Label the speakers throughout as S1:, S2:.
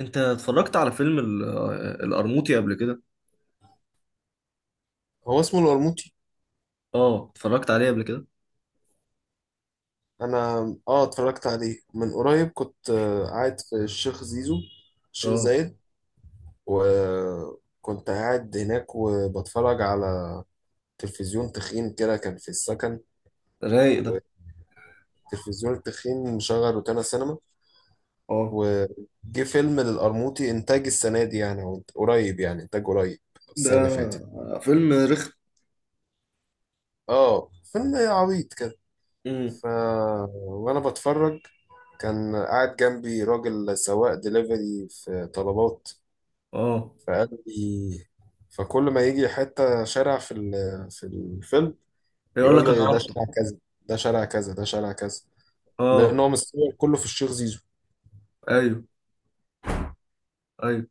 S1: انت اتفرجت على فيلم القرموطي قبل كده؟
S2: هو اسمه القرموطي.
S1: اه، اتفرجت عليه قبل كده.
S2: انا اه اتفرجت عليه من قريب. كنت قاعد في الشيخ زيزو، الشيخ
S1: اه،
S2: زايد. وكنت قاعد هناك وبتفرج على تلفزيون تخين كده، كان في السكن.
S1: رايق ده.
S2: والتلفزيون التخين مشغل روتانا سينما.
S1: اه،
S2: وجه فيلم للقرموطي انتاج السنه دي، يعني هو قريب، يعني انتاج قريب،
S1: ده
S2: السنه اللي فاتت.
S1: فيلم رخم.
S2: اه، فيلم عبيط كده.
S1: امم.
S2: ف وانا بتفرج كان قاعد جنبي راجل سواق دليفري في طلبات.
S1: اه،
S2: فقال لي، فكل ما يجي حتة شارع في الفيلم
S1: يقول
S2: يقول
S1: لك
S2: لي
S1: انا
S2: ده
S1: رحت.
S2: شارع كذا، ده شارع كذا، ده شارع كذا.
S1: اه،
S2: لان هو مستوى كله في الشيخ زيزو.
S1: ايوه، ايوه.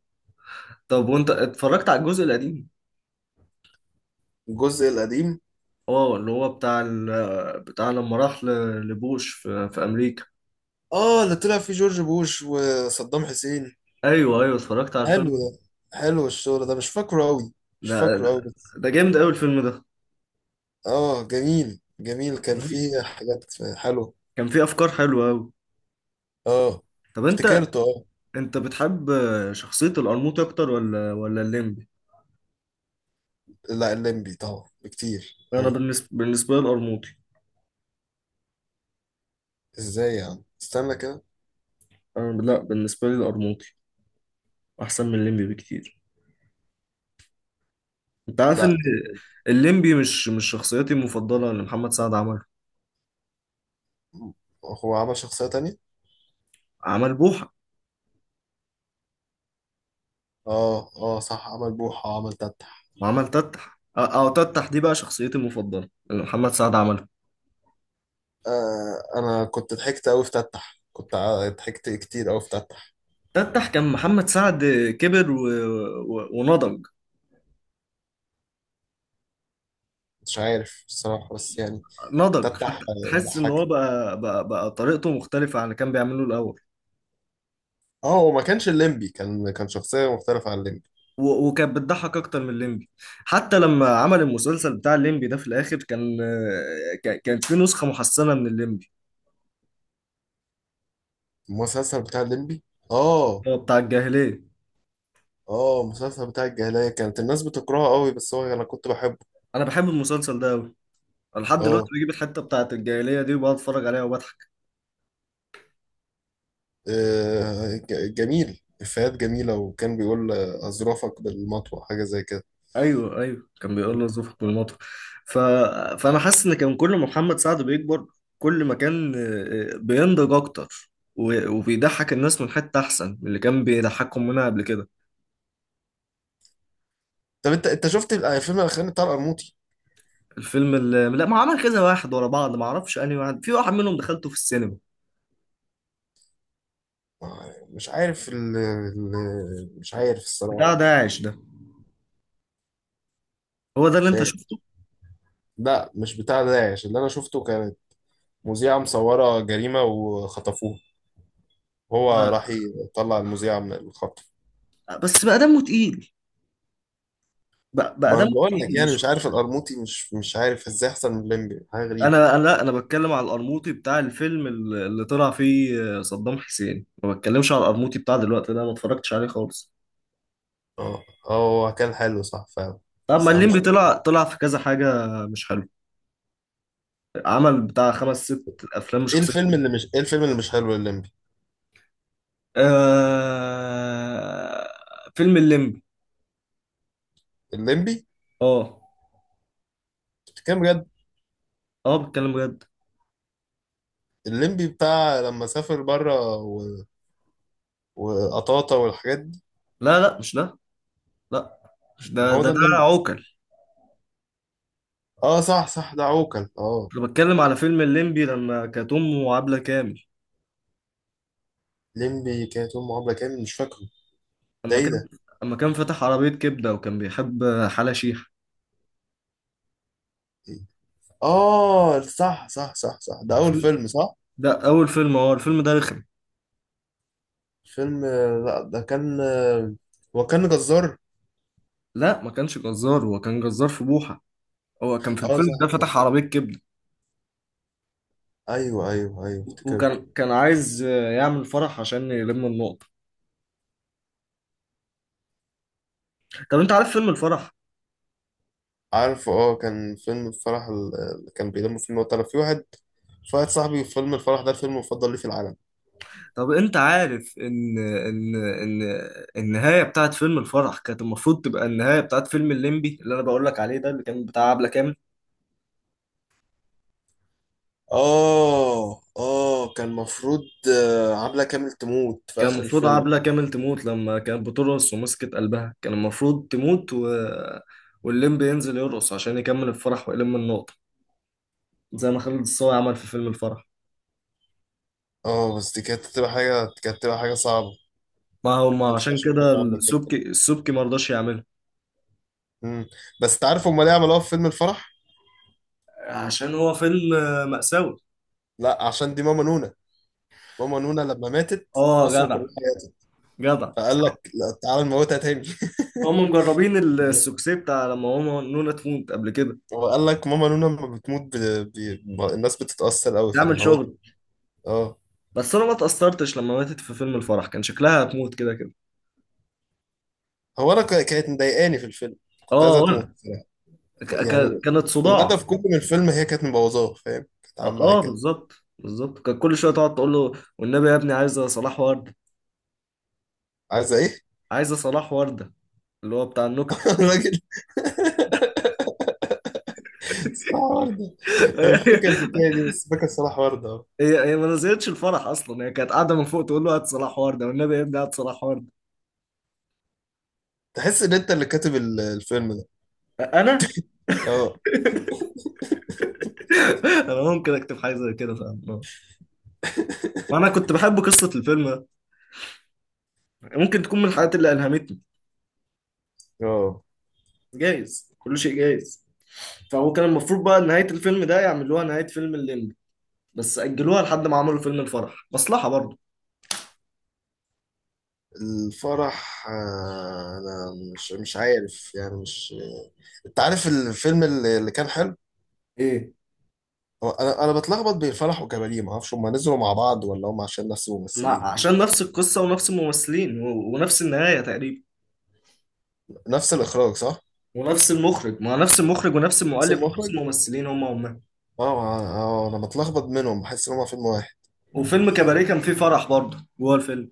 S1: طب وانت اتفرجت على الجزء القديم؟
S2: الجزء القديم،
S1: اه، اللي هو بتاع بتاع لما راح لبوش في امريكا.
S2: اه، اللي طلع فيه جورج بوش وصدام حسين.
S1: ايوه، ايوه، اتفرجت على
S2: حلو
S1: الفيلم.
S2: ده. حلو الشغل ده، مش فاكره قوي. مش
S1: ده
S2: فاكره
S1: ده
S2: قوي بس.
S1: ده جامد قوي الفيلم ده.
S2: اه، جميل جميل، كان فيه حاجات حلوه.
S1: كان فيه افكار حلوه قوي.
S2: اه،
S1: طب انت
S2: افتكرته. اه،
S1: انت بتحب شخصيه القرموطي اكتر ولا الليمبي؟
S2: لا الليمبي طبعا بكتير
S1: انا
S2: أوي.
S1: بالنسبه لي القرموطي.
S2: ازاي يعني؟ استنى كده.
S1: انا، لا، بالنسبه لي القرموطي احسن من الليمبي بكتير. انت عارف ان
S2: لا،
S1: الليمبي مش شخصيتي المفضله اللي محمد سعد عمله.
S2: هو عمل شخصية تانية.
S1: عمل بوحه،
S2: اه اه صح، عمل بوحة، عمل تتح.
S1: وعمل تتح، او تتح دي بقى شخصيتي المفضله اللي محمد سعد عمله.
S2: آه، انا كنت ضحكت أوي في تتح، ضحكت كتير أوي في تتح.
S1: تتح كان محمد سعد كبر ونضج.
S2: مش عارف الصراحة بس يعني.
S1: نضج
S2: تتح
S1: حتى تحس ان هو
S2: ضحكني.
S1: بقى طريقته مختلفه عن اللي كان بيعمله الاول.
S2: اه، هو ما كانش الليمبي، كان شخصية مختلفة عن الليمبي.
S1: وكانت بتضحك اكتر من الليمبي. حتى لما عمل المسلسل بتاع الليمبي ده في الاخر كان آه، كان كان في نسخه محسنه من الليمبي.
S2: المسلسل بتاع الليمبي. اه
S1: هو بتاع الجاهليه.
S2: اه، المسلسل بتاع الجاهلية كانت الناس بتكرهه أوي، بس هو انا كنت بحبه.
S1: انا بحب المسلسل ده قوي. انا لحد دلوقتي
S2: اه.
S1: بجيب الحته بتاعت الجاهليه دي وبقعد اتفرج عليها وبضحك.
S2: جميل، إفيهات جميلة. وكان بيقول أظرافك بالمطوة، حاجة زي كده.
S1: ايوه، ايوه، كان بيقول له زوفك بالمطر. ف... فانا حاسس ان كان كل ما محمد سعد بيكبر، كل ما كان بينضج اكتر وبيضحك الناس من حته احسن من اللي كان بيضحكهم منها قبل كده.
S2: طب أنت شفت الفيلم الأخراني بتاع القرموطي؟
S1: الفيلم اللي، لا، ما عمل كذا واحد ورا بعض، ما اعرفش انهي واحد، في واحد منهم دخلته في السينما.
S2: مش عارف مش عارف الصراحة.
S1: بتاع داعش ده، هو ده اللي انت
S2: ده-
S1: شفته؟
S2: لا، مش بتاع داعش اللي أنا شفته. كانت مذيعة مصورة جريمة وخطفوه،
S1: لا،
S2: هو راح يطلع المذيعة من الخطف.
S1: بس بقى دمه تقيل. بقى
S2: ما انا
S1: دمه
S2: بقول لك
S1: تقيل،
S2: يعني
S1: مش...
S2: مش عارف، القرموطي مش عارف ازاي احسن من الليمبي. حاجه غريبه.
S1: انا انا لا، انا بتكلم على القرموطي بتاع الفيلم اللي طلع فيه صدام حسين. ما بتكلمش على القرموطي بتاع دلوقتي ده، ما اتفرجتش عليه خالص.
S2: اه اه، هو كان حلو صح فعلا.
S1: طب ما
S2: بس انا مش
S1: الليمبي
S2: فاكر.
S1: طلع في كذا حاجة مش حلوة. عمل بتاع خمس ست أفلام مش شخصية.
S2: ايه الفيلم اللي مش حلو؟ الليمبي؟
S1: آه... فيلم الليمبي.
S2: الليمبي؟
S1: اه،
S2: بتتكلم بجد؟
S1: اه، بتكلم بجد.
S2: الليمبي بتاع لما سافر بره وقطاطا والحاجات دي؟
S1: لا، لا، مش ده. لا،
S2: ما هو ده
S1: ده
S2: الليمبي.
S1: عوكل.
S2: اه صح صح، ده عوكل، اه.
S1: انا بتكلم على فيلم الليمبي لما كانت امه عبلة كامل.
S2: ليمبي كانت امه عبله كامل؟ مش فاكره. ده
S1: اما
S2: ايه
S1: كان
S2: ده؟
S1: اما كان فاتح عربية كبدة، وكان بيحب حلا شيحة.
S2: اه صح صح صح صح، ده اول
S1: فيلم-
S2: فيلم، صح.
S1: ده اول فيلم، هو الفيلم ده رخم.
S2: فيلم آه، لا ده كان، وكان جزار.
S1: لا، ما كانش جزار، هو كان جزار في بوحة. هو كان في
S2: اه
S1: الفيلم ده
S2: صح صح.
S1: فتح عربية كبدة.
S2: ايوه ايوه ايوه، افتكرته.
S1: وكان عايز يعمل فرح عشان يلم النقطة. طب انت عارف فيلم الفرح؟
S2: عارفه، اه. كان فيلم الفرح اللي كان بيلم فيلم وقت. انا في واحد، في واحد صاحبي فيلم الفرح ده الفيلم المفضل ليه في العالم.
S1: طب انت عارف ان النهاية بتاعت فيلم الفرح كانت المفروض تبقى النهاية بتاعت فيلم الليمبي اللي انا بقول لك عليه ده، اللي كان بتاع عبلة كامل.
S2: اه اه، كان مفروض عبلة كامل تموت في
S1: كان
S2: اخر
S1: المفروض
S2: الفيلم.
S1: عبلة كامل تموت لما كانت بترقص ومسكت قلبها، كان المفروض تموت والليمبي ينزل يرقص عشان يكمل الفرح ويلم النقطة زي ما خالد الصاوي عمل في فيلم الفرح.
S2: اه، بس دي كانت تبقى حاجه، كانت تبقى حاجه صعبه. ما
S1: ما هو، ما عشان
S2: ينفعش يبقى
S1: كده
S2: عامله كده.
S1: السبكي السبكي ما رضاش يعمله،
S2: مم. بس تعرف هم ليه عملوها في فيلم الفرح؟
S1: عشان هو فيلم مأساوي.
S2: لا، عشان دي ماما نونا. ماما نونا لما ماتت
S1: اه،
S2: مصر كلها
S1: جدع،
S2: ماتت،
S1: جدع.
S2: فقال لك لا تعالى نموتها تاني.
S1: هم مجربين السوكسي بتاع لما هو نونا تموت قبل كده،
S2: هو قال لك ماما نونا لما بتموت ب... ب... ما- الناس بتتأثر قوي
S1: تعمل شغل.
S2: فالموت. اه.
S1: بس انا ما اتأثرتش لما ماتت في فيلم الفرح، كان شكلها هتموت كده كده.
S2: كانت مضايقاني في الفيلم، كنت عايزة
S1: اه،
S2: تموت
S1: وانا
S2: صراحة. يعني
S1: كانت صداع.
S2: الهدف كله من الفيلم، هي كانت مبوظاه، فاهم؟ كانت
S1: اه،
S2: عامة كده.
S1: بالظبط، بالظبط. كان كل شويه تقعد تقول له: والنبي يا ابني عايزه صلاح ورده،
S2: عايزة ايه؟
S1: عايزه صلاح ورده اللي هو بتاع النكت.
S2: الراجل، صح، وردة. انا مش فاكر الحكاية دي، بس فاكر صلاح وردة، اه.
S1: هي هي ما نزلتش الفرح اصلا، هي كانت قاعده من فوق تقول له: هات صلاح ورده، والنبي يا ابني، هات صلاح ورده.
S2: تحس ان انت اللي كاتب الفيلم ده؟
S1: انا
S2: اه.
S1: انا ممكن اكتب حاجه زي كده، فاهم. وانا كنت بحب قصه الفيلم ده، ممكن تكون من الحاجات اللي الهمتني.
S2: اه.
S1: جايز، كل شيء جايز. فهو كان المفروض بقى نهايه الفيلم ده يعملوها نهايه فيلم الليمبي، بس اجلوها لحد ما عملوا فيلم الفرح، مصلحه برضه.
S2: الفرح، انا مش عارف يعني، مش. انت عارف الفيلم اللي اللي كان حلو؟
S1: ايه؟
S2: هو انا بتلخبط بين فرح وكباريه. ما اعرفش هم نزلوا مع بعض ولا هم عشان نفس
S1: ما
S2: الممثلين ولا
S1: عشان
S2: ايه.
S1: نفس القصة ونفس الممثلين ونفس النهاية تقريبا
S2: نفس الاخراج صح.
S1: ونفس المخرج. ما نفس المخرج ونفس
S2: نفس
S1: المؤلف ونفس
S2: المخرج.
S1: الممثلين هم هم.
S2: اه اه، انا بتلخبط منهم، بحس ان هم فيلم واحد.
S1: وفيلم كباريه كان فيه فرح برضه جوه الفيلم.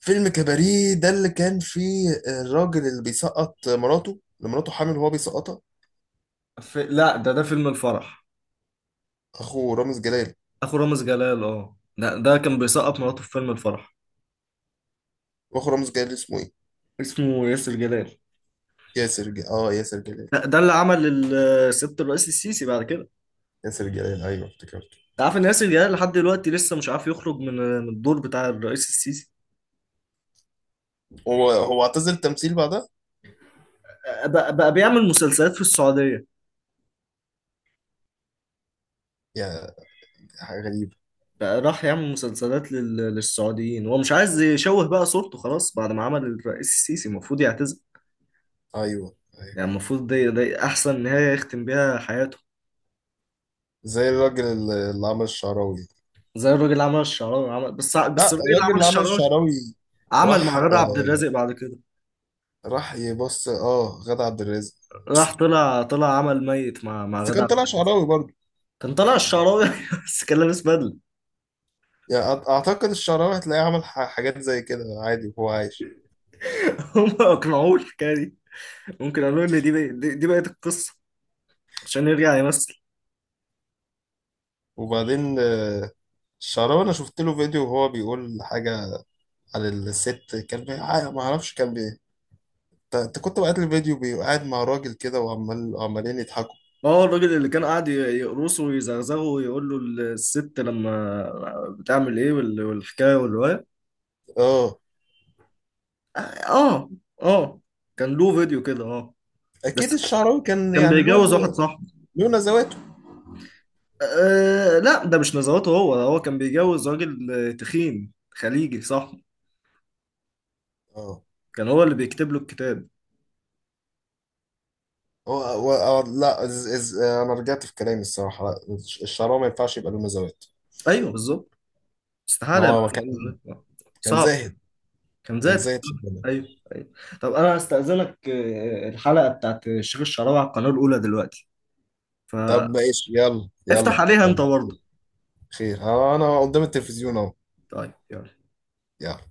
S2: فيلم كباريه ده اللي كان فيه الراجل اللي بيسقط مراته، اللي مراته حامل وهو بيسقطها؟
S1: لا، ده فيلم الفرح.
S2: اخو رامز جلال.
S1: اخو رامز جلال، اه، ده كان بيسقط مراته في فيلم الفرح.
S2: اخو رامز جلال اسمه ايه؟
S1: اسمه ياسر جلال.
S2: اه ياسر جلال.
S1: ده اللي عمل سيادة الرئيس السيسي بعد كده.
S2: ياسر جلال، ايوه، افتكرت.
S1: انت عارف ان ياسر جلال لحد دلوقتي لسه مش عارف يخرج من الدور بتاع الرئيس السيسي.
S2: هو هو اعتزل التمثيل بعدها؟
S1: بقى بيعمل مسلسلات في السعودية.
S2: يا، حاجه غريبه.
S1: بقى راح يعمل مسلسلات للسعوديين، هو مش عايز يشوه بقى صورته خلاص بعد ما عمل الرئيس السيسي، المفروض يعتزل.
S2: ايوه ايوه.
S1: يعني المفروض دي احسن نهاية يختم بيها حياته.
S2: زي الراجل اللي عمل الشعراوي.
S1: زي الراجل اللي عمل الشعراوي عمل، بس
S2: لا،
S1: الراجل اللي
S2: الراجل
S1: عمل
S2: اللي عمل
S1: الشعراوي
S2: الشعراوي
S1: عمل
S2: راح،
S1: مع غادة عبد الرازق بعد كده.
S2: راح يبص، اه، غادة عبد الرازق.
S1: راح طلع عمل ميت مع
S2: بس
S1: غادة
S2: كان
S1: عبد
S2: طلع
S1: الرازق.
S2: شعراوي برضه.
S1: كان طلع الشعراوي بس كان لابس بدلة.
S2: يعني اعتقد الشعراوي هتلاقيه عمل حاجات زي كده عادي وهو عايش.
S1: هم اقنعوه الحكاية دي، ممكن قالوا ان دي بقت القصة عشان يرجع يمثل.
S2: وبعدين الشعراوي انا شفت له فيديو وهو بيقول حاجة على الست. كان بي... ع- ما اعرفش كان بي انت كنت بقيت الفيديو قاعد مع راجل كده وعمال عمالين يضحكوا.
S1: اه، الراجل اللي كان قاعد يقرصه ويزغزغه ويقول له: الست لما بتعمل ايه، والحكايه والروايه.
S2: اه.
S1: اه، اه، كان له فيديو كده، اه. بس
S2: اكيد الشعراوي كان
S1: كان
S2: يعني له،
S1: بيجوز واحد صاحبه.
S2: له نزواته.
S1: آه، لا، ده مش نزواته، هو هو كان بيجوز راجل تخين خليجي صاحبه.
S2: اه.
S1: كان هو اللي بيكتب له الكتاب.
S2: لا، إز إز آه، انا رجعت في كلامي الصراحه. لا، الشراب ما ينفعش يبقى له مزاوات.
S1: ايوه، بالظبط.
S2: ان
S1: استحاله يبقى
S2: هو
S1: له
S2: كان،
S1: نزوات.
S2: كان
S1: صعب.
S2: زاهد.
S1: كان
S2: كان
S1: ذاتي.
S2: زاهد في الدنيا.
S1: ايوه، ايوه. طب انا هستأذنك، الحلقه بتاعت الشيخ الشعراوي على القناه الاولى دلوقتي،
S2: طب
S1: فافتح
S2: ماشي، يلا يلا
S1: عليها انت
S2: يلا.
S1: برضه.
S2: خير، انا قدام التلفزيون اهو.
S1: طيب، يلا.
S2: يلا.